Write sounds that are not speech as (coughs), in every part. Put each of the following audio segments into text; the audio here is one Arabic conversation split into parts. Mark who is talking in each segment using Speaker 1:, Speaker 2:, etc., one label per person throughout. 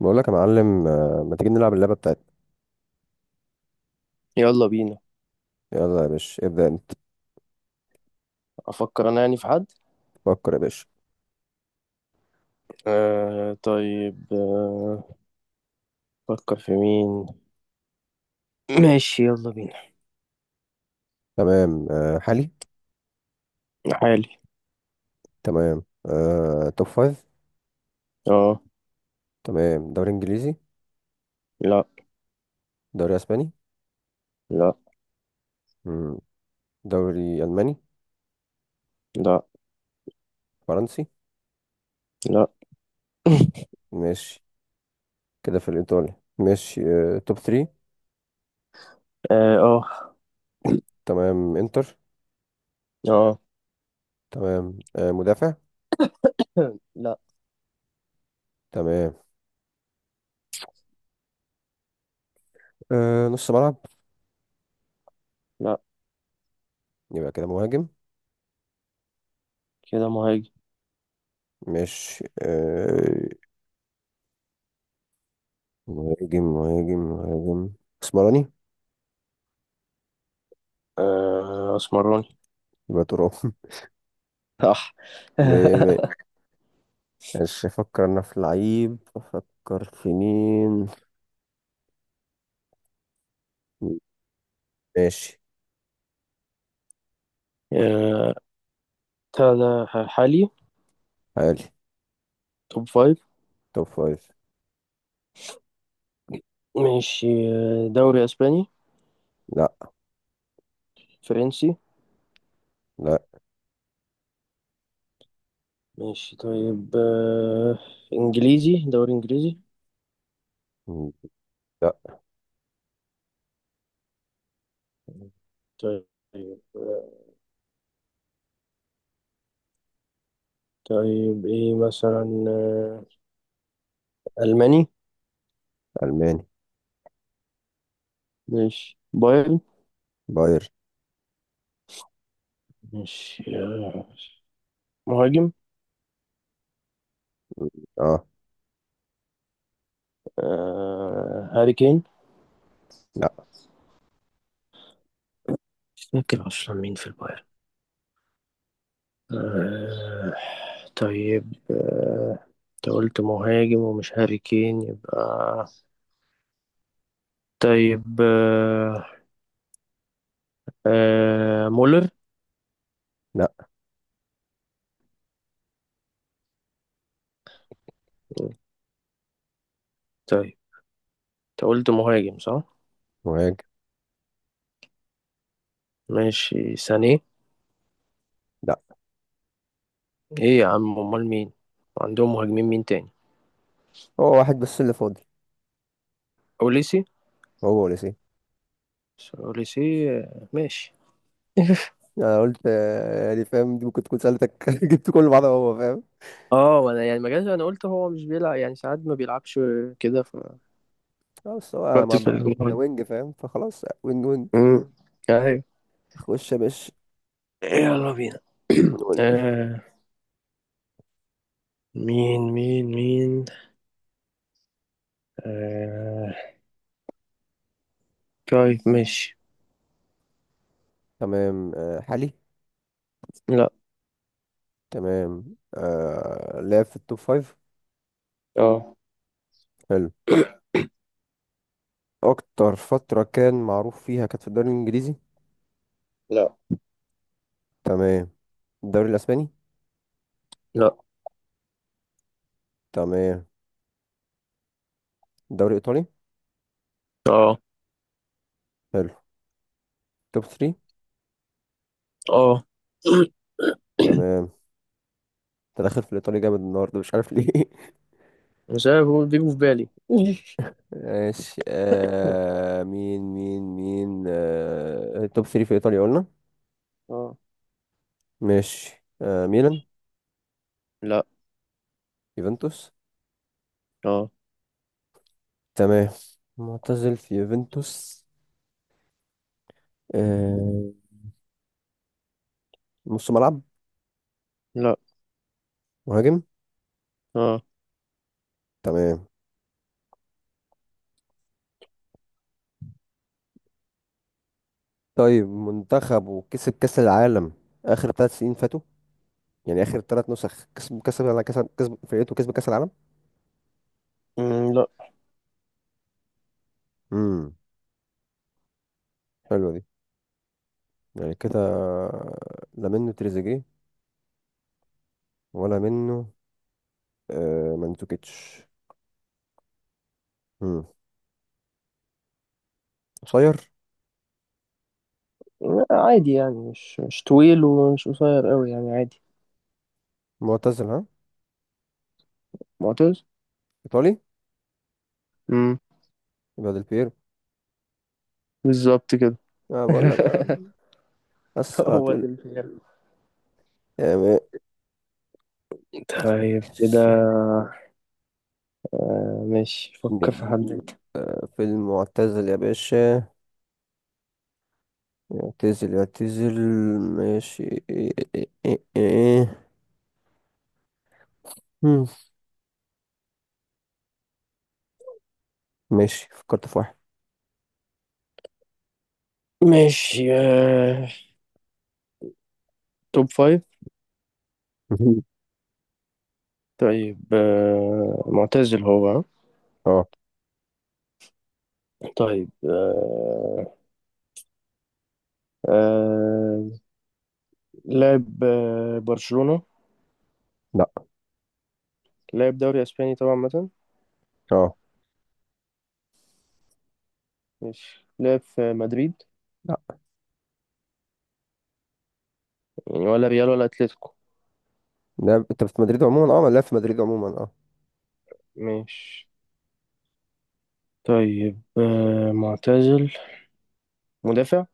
Speaker 1: بقول لك يا معلم، ما تيجي نلعب اللعبة بتاعتنا؟
Speaker 2: يلا بينا.
Speaker 1: يلا يا باشا، ابدأ انت.
Speaker 2: افكر انا يعني في حد.
Speaker 1: فكر يا باشا.
Speaker 2: آه طيب آه. افكر في مين. ماشي يلا بينا.
Speaker 1: تمام. حالي؟
Speaker 2: حالي.
Speaker 1: تمام. توب فايف؟
Speaker 2: اه.
Speaker 1: تمام. دوري انجليزي؟
Speaker 2: لا.
Speaker 1: دوري اسباني؟
Speaker 2: لا.
Speaker 1: مم. دوري الماني؟
Speaker 2: لا.
Speaker 1: فرنسي؟
Speaker 2: لا. (laughs)
Speaker 1: ماشي. كده في الايطالي، ماشي. توب ثري؟
Speaker 2: اه.
Speaker 1: تمام. انتر؟
Speaker 2: اه. آه.
Speaker 1: تمام. مدافع؟
Speaker 2: (laughs) لا.
Speaker 1: تمام. نص ملعب؟
Speaker 2: لا
Speaker 1: يبقى كده مهاجم.
Speaker 2: كده مهاجم.
Speaker 1: ماشي. مهاجم، مهاجم، مهاجم. اسمراني؟
Speaker 2: آه اسمراني.
Speaker 1: يبقى تراب.
Speaker 2: صح. (laughs)
Speaker 1: (laughs) ماشي. افكر انا في لعيب، افكر في مين؟ ماشي.
Speaker 2: آه هذا حالي.
Speaker 1: حالي.
Speaker 2: توب فايف.
Speaker 1: توب فايف.
Speaker 2: ماشي دوري اسباني.
Speaker 1: لا.
Speaker 2: فرنسي.
Speaker 1: لا.
Speaker 2: ماشي طيب آه، انجليزي دوري انجليزي.
Speaker 1: لا.
Speaker 2: طيب آه، طيب ايه مثلا ألماني.
Speaker 1: الماني.
Speaker 2: ماشي بايرن.
Speaker 1: باير.
Speaker 2: ماشي مهاجم.
Speaker 1: اه.
Speaker 2: آه هاري كين.
Speaker 1: لا.
Speaker 2: مش فاكر أصلا مين في البايرن. آه. طيب آه، أنت قلت مهاجم ومش هاري كين يبقى. طيب آه، آه مولر.
Speaker 1: لا.
Speaker 2: طيب أنت قلت مهاجم صح؟
Speaker 1: مهاجم.
Speaker 2: ماشي سانيه.
Speaker 1: لا.
Speaker 2: إيه يا عم أمال مين؟ عندهم مهاجمين مين تاني؟
Speaker 1: هو واحد بس اللي فاضل.
Speaker 2: أوليسي.
Speaker 1: هو وليسي.
Speaker 2: أوليسي آه، ماشي. (laughs)
Speaker 1: انا قلت، يعني فاهم، دي ممكن تكون سألتك. (laughs) جبت كل بعض، هو فاهم.
Speaker 2: اه، وانا يعني ما جاش. انا قلت هو مش بيلعب، يعني ساعات ما بيلعبش كده
Speaker 1: بس هو
Speaker 2: فكرت
Speaker 1: مع،
Speaker 2: في الموضوع.
Speaker 1: وينج، فاهم، فخلاص، وينج وينج.
Speaker 2: امم ايوه.
Speaker 1: خش يا باشا.
Speaker 2: يلا بينا. (clears throat)
Speaker 1: قول لي.
Speaker 2: آه. مين آه. طيب ماشي.
Speaker 1: تمام. حالي؟
Speaker 2: لا.
Speaker 1: تمام. لعب في التوب فايف؟
Speaker 2: اه.
Speaker 1: حلو. اكتر فترة كان معروف فيها كانت في الدوري الانجليزي؟
Speaker 2: لا.
Speaker 1: تمام. الدوري الاسباني؟
Speaker 2: لا.
Speaker 1: تمام. الدوري الايطالي؟
Speaker 2: اه.
Speaker 1: حلو. توب 3؟
Speaker 2: اه. (clears throat)
Speaker 1: تمام. انت داخل في الايطالي جامد النهارده، مش عارف ليه. (laughs)
Speaker 2: مش عارف، هو بيجوا في بالي.
Speaker 1: ماشي.
Speaker 2: (laughs)
Speaker 1: مين، مين، مين. توب 3 في ايطاليا قلنا.
Speaker 2: اه.
Speaker 1: ماشي. ميلان؟
Speaker 2: لا.
Speaker 1: يوفنتوس؟
Speaker 2: اه.
Speaker 1: تمام. معتزل في يوفنتوس. آه نص ملعب؟
Speaker 2: لا.
Speaker 1: مهاجم؟
Speaker 2: اه.
Speaker 1: تمام. طيب، منتخبه كسب كأس العالم آخر 3 سنين فاتوا، يعني اخر ثلاث نسخ كسب كسب على كسب كسب، فرقته كسب كاس العالم.
Speaker 2: مم، لا.
Speaker 1: امم حلوه دي، يعني كده. لا منه تريزيجيه، ولا منه؟ مانزوكيتش؟ امم قصير؟
Speaker 2: لا، عادي يعني مش طويل ومش قصير قوي، يعني عادي.
Speaker 1: معتزل، ها؟
Speaker 2: معتز.
Speaker 1: ايطالي؟
Speaker 2: امم
Speaker 1: يبقى ديل بيرو.
Speaker 2: بالظبط كده.
Speaker 1: انا بقول لك.
Speaker 2: (laughs) (laughs)
Speaker 1: بس على
Speaker 2: هو
Speaker 1: طول
Speaker 2: ده الفيلم.
Speaker 1: يعني.
Speaker 2: طيب كده. آه، ماشي فكر في
Speaker 1: نديك
Speaker 2: حد انت.
Speaker 1: في المعتزل يا باشا. يعتزل يعتزل. ماشي. إيه، إيه، إيه، إيه. مم. ماشي، فكرت في واحد.
Speaker 2: ماشي آه، توب فايف.
Speaker 1: (laughs)
Speaker 2: طيب آه، معتزل هو ها؟
Speaker 1: اه.
Speaker 2: طيب آه، آه، لعب برشلونة.
Speaker 1: لا.
Speaker 2: لعب دوري اسباني طبعا مثلا.
Speaker 1: اه.
Speaker 2: ماشي لعب في مدريد،
Speaker 1: لا.
Speaker 2: يعني ولا ريال ولا اتلتيكو.
Speaker 1: لعب انت في مدريد عموما، اه. لعب في مدريد عموما، اه.
Speaker 2: ماشي. طيب آه، معتزل. مدافع.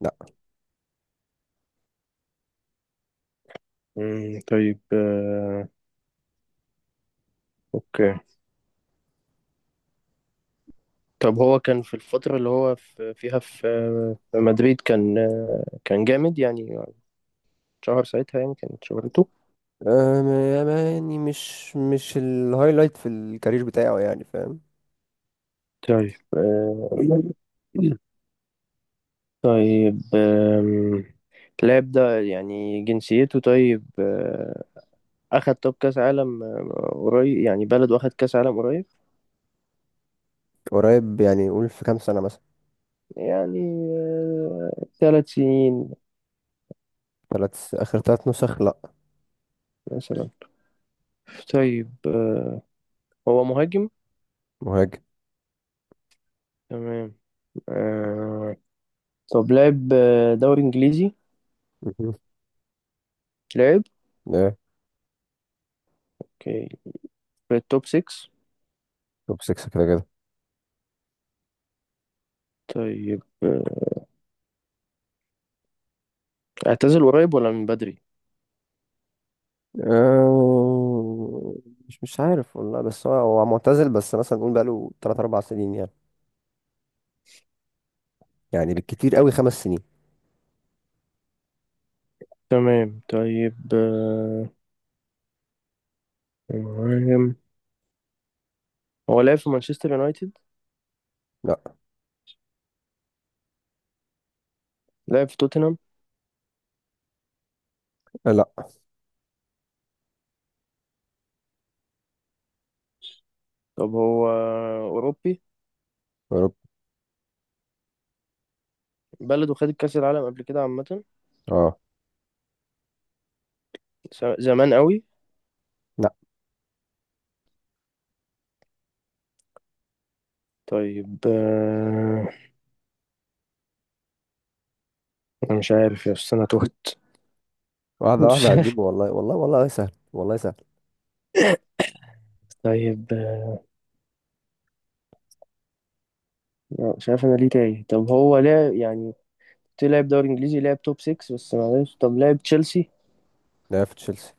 Speaker 1: لا.
Speaker 2: مم، طيب آه، اوكي. طب هو كان في الفترة اللي هو في فيها في في مدريد، كان جامد يعني. شهر ساعتها، يعني كانت شهرته.
Speaker 1: أم... يعني مش الهايلايت في الكارير بتاعه، يعني فاهم.
Speaker 2: طيب آه، طيب آم، اللاعب ده يعني جنسيته. طيب آه، أخد طب كأس عالم آه، قريب. يعني بلده أخد كأس عالم قريب.
Speaker 1: قريب؟ يعني قول في كام سنة مثلا.
Speaker 2: يعني آه، ثلاث سنين
Speaker 1: ثلاث، آخر ثلاث نسخ، لا.
Speaker 2: مثلا. طيب آه، هو مهاجم.
Speaker 1: مهاجم.
Speaker 2: تمام آه، طب لعب دوري إنجليزي.
Speaker 1: مهم.
Speaker 2: لعب.
Speaker 1: ايه.
Speaker 2: اوكي، في التوب 6.
Speaker 1: توب 6، كده كده.
Speaker 2: طيب آه، اعتزل قريب ولا من بدري.
Speaker 1: أه، مش عارف والله. بس هو معتزل، بس مثلا نقول بقاله 3 4 سنين يعني، يعني بالكتير قوي 5 سنين.
Speaker 2: تمام طيب آه، مهاجم. هو لعب في مانشستر يونايتد.
Speaker 1: لا.
Speaker 2: لعب في توتنهام.
Speaker 1: لا.
Speaker 2: طب هو أوروبي.
Speaker 1: يا رب.
Speaker 2: بلده خد كأس العالم قبل كده عامة.
Speaker 1: اه.
Speaker 2: زمان قوي.
Speaker 1: لا.
Speaker 2: طيب آه، أنا مش عارف يا أستاذ، أنا تهت. (laughs)
Speaker 1: واحدة
Speaker 2: مش
Speaker 1: واحدة
Speaker 2: عارف.
Speaker 1: هتجيبه، والله والله والله سهل، والله سهل.
Speaker 2: طيب آه، مش عارف أنا ليه تايه. طب هو لعب يعني، لعب دوري إنجليزي، لعب توب 6، بس معلش طب لعب تشيلسي.
Speaker 1: لعب في تشيلسي.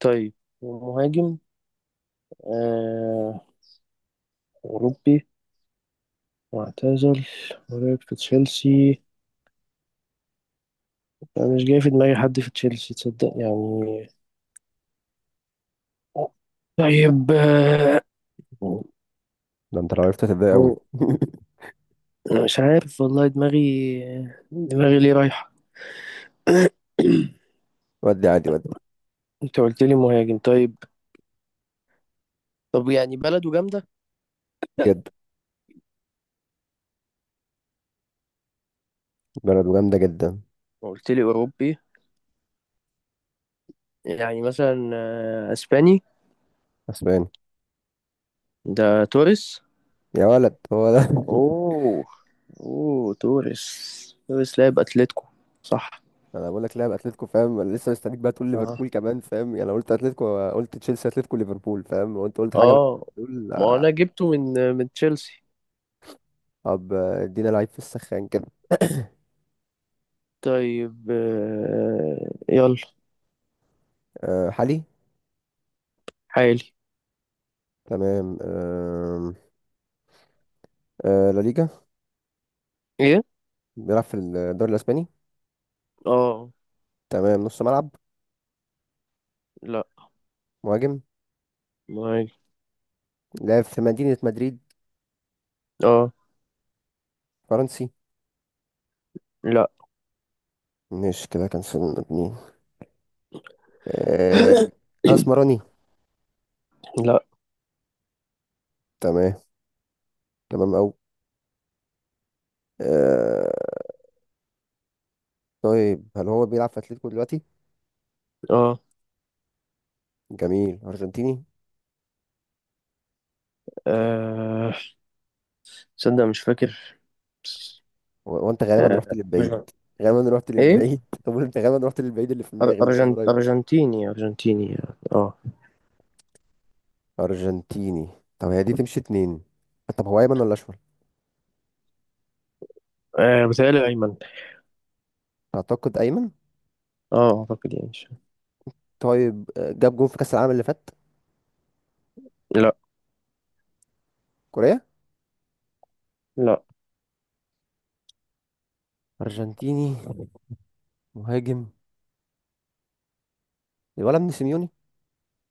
Speaker 2: طيب مهاجم أوروبي واعتزل ولعب في تشيلسي، أنا مش جاي في دماغي حد في تشيلسي، تصدق يعني. طيب آه،
Speaker 1: ده انت لو عرفت هتتضايق قوي.
Speaker 2: أنا
Speaker 1: (laughs)
Speaker 2: مش عارف والله. دماغي ليه رايحة. (coughs)
Speaker 1: ودي عادي، ودي...
Speaker 2: أنت قلت لي مهاجم. طيب طب يعني بلده جامدة.
Speaker 1: جد. بلده جامده جدا.
Speaker 2: قلت لي أوروبي. يعني مثلا آه، أسباني.
Speaker 1: اسباني؟
Speaker 2: ده توريس.
Speaker 1: يا ولد، هو ده! (laughs)
Speaker 2: أوه. أوه توريس. توريس لاعب أتلتيكو. صح.
Speaker 1: انا بقول لك لاعب اتلتيكو، فاهم. انا لسه مستنيك بقى تقول
Speaker 2: اه.
Speaker 1: ليفربول كمان، فاهم؟ يعني لو قلت اتلتيكو، قلت تشيلسي، اتلتيكو، ليفربول، فاهم؟ وانت قلت حاجه
Speaker 2: اه
Speaker 1: بتقول.
Speaker 2: ما انا جبته من آه، من تشيلسي.
Speaker 1: طب، ادينا لعيب في السخان كده. (coughs)
Speaker 2: طيب آه، يلا.
Speaker 1: حالي؟
Speaker 2: حالي.
Speaker 1: تمام. لا ليجا؟
Speaker 2: ايه.
Speaker 1: بيلعب في الدوري الاسباني؟
Speaker 2: اه.
Speaker 1: تمام. نص ملعب؟
Speaker 2: لا.
Speaker 1: مهاجم؟
Speaker 2: معايا.
Speaker 1: لعب في مدينه مدريد؟
Speaker 2: اه.
Speaker 1: فرنسي؟
Speaker 2: لا.
Speaker 1: مش كده كان سن اتنين. آه،
Speaker 2: (coughs)
Speaker 1: اسمراني؟
Speaker 2: لا.
Speaker 1: تمام. تمام أوي. آه طيب، هل هو بيلعب في أتلتيكو دلوقتي؟
Speaker 2: اه.
Speaker 1: جميل. أرجنتيني؟
Speaker 2: آه، تصدق مش فاكر.
Speaker 1: وأنت غالبا
Speaker 2: آه،
Speaker 1: رحت للبعيد.
Speaker 2: أرجن-
Speaker 1: غالبا رحت
Speaker 2: ايه
Speaker 1: للبعيد. (laughs) طب أنت غالبا رحت للبعيد، اللي في دماغي مش القريب.
Speaker 2: ارجنتيني. ارجنتيني. اه.
Speaker 1: أرجنتيني. طب هي دي تمشي اتنين. طب هو أيمن ولا أشول؟
Speaker 2: آه، بيتهيألي ايمن.
Speaker 1: أعتقد أيمن.
Speaker 2: اه اعتقد يعني
Speaker 1: طيب، جاب جون في كأس العالم اللي فات؟
Speaker 2: لا.
Speaker 1: كوريا؟
Speaker 2: لا
Speaker 1: أرجنتيني. مهاجم. الولد ابن سيميوني.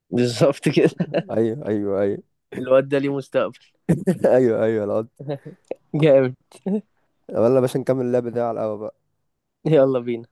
Speaker 2: بالظبط كده.
Speaker 1: أيوه، أيوه، أيوه.
Speaker 2: (laughs) الواد ده ليه مستقبل.
Speaker 1: (laughs) أيوه، أيوه، العض.
Speaker 2: (laughs) جامد.
Speaker 1: يلا يا باشا، نكمل اللعب ده على القهوة بقى.
Speaker 2: يلا بينا.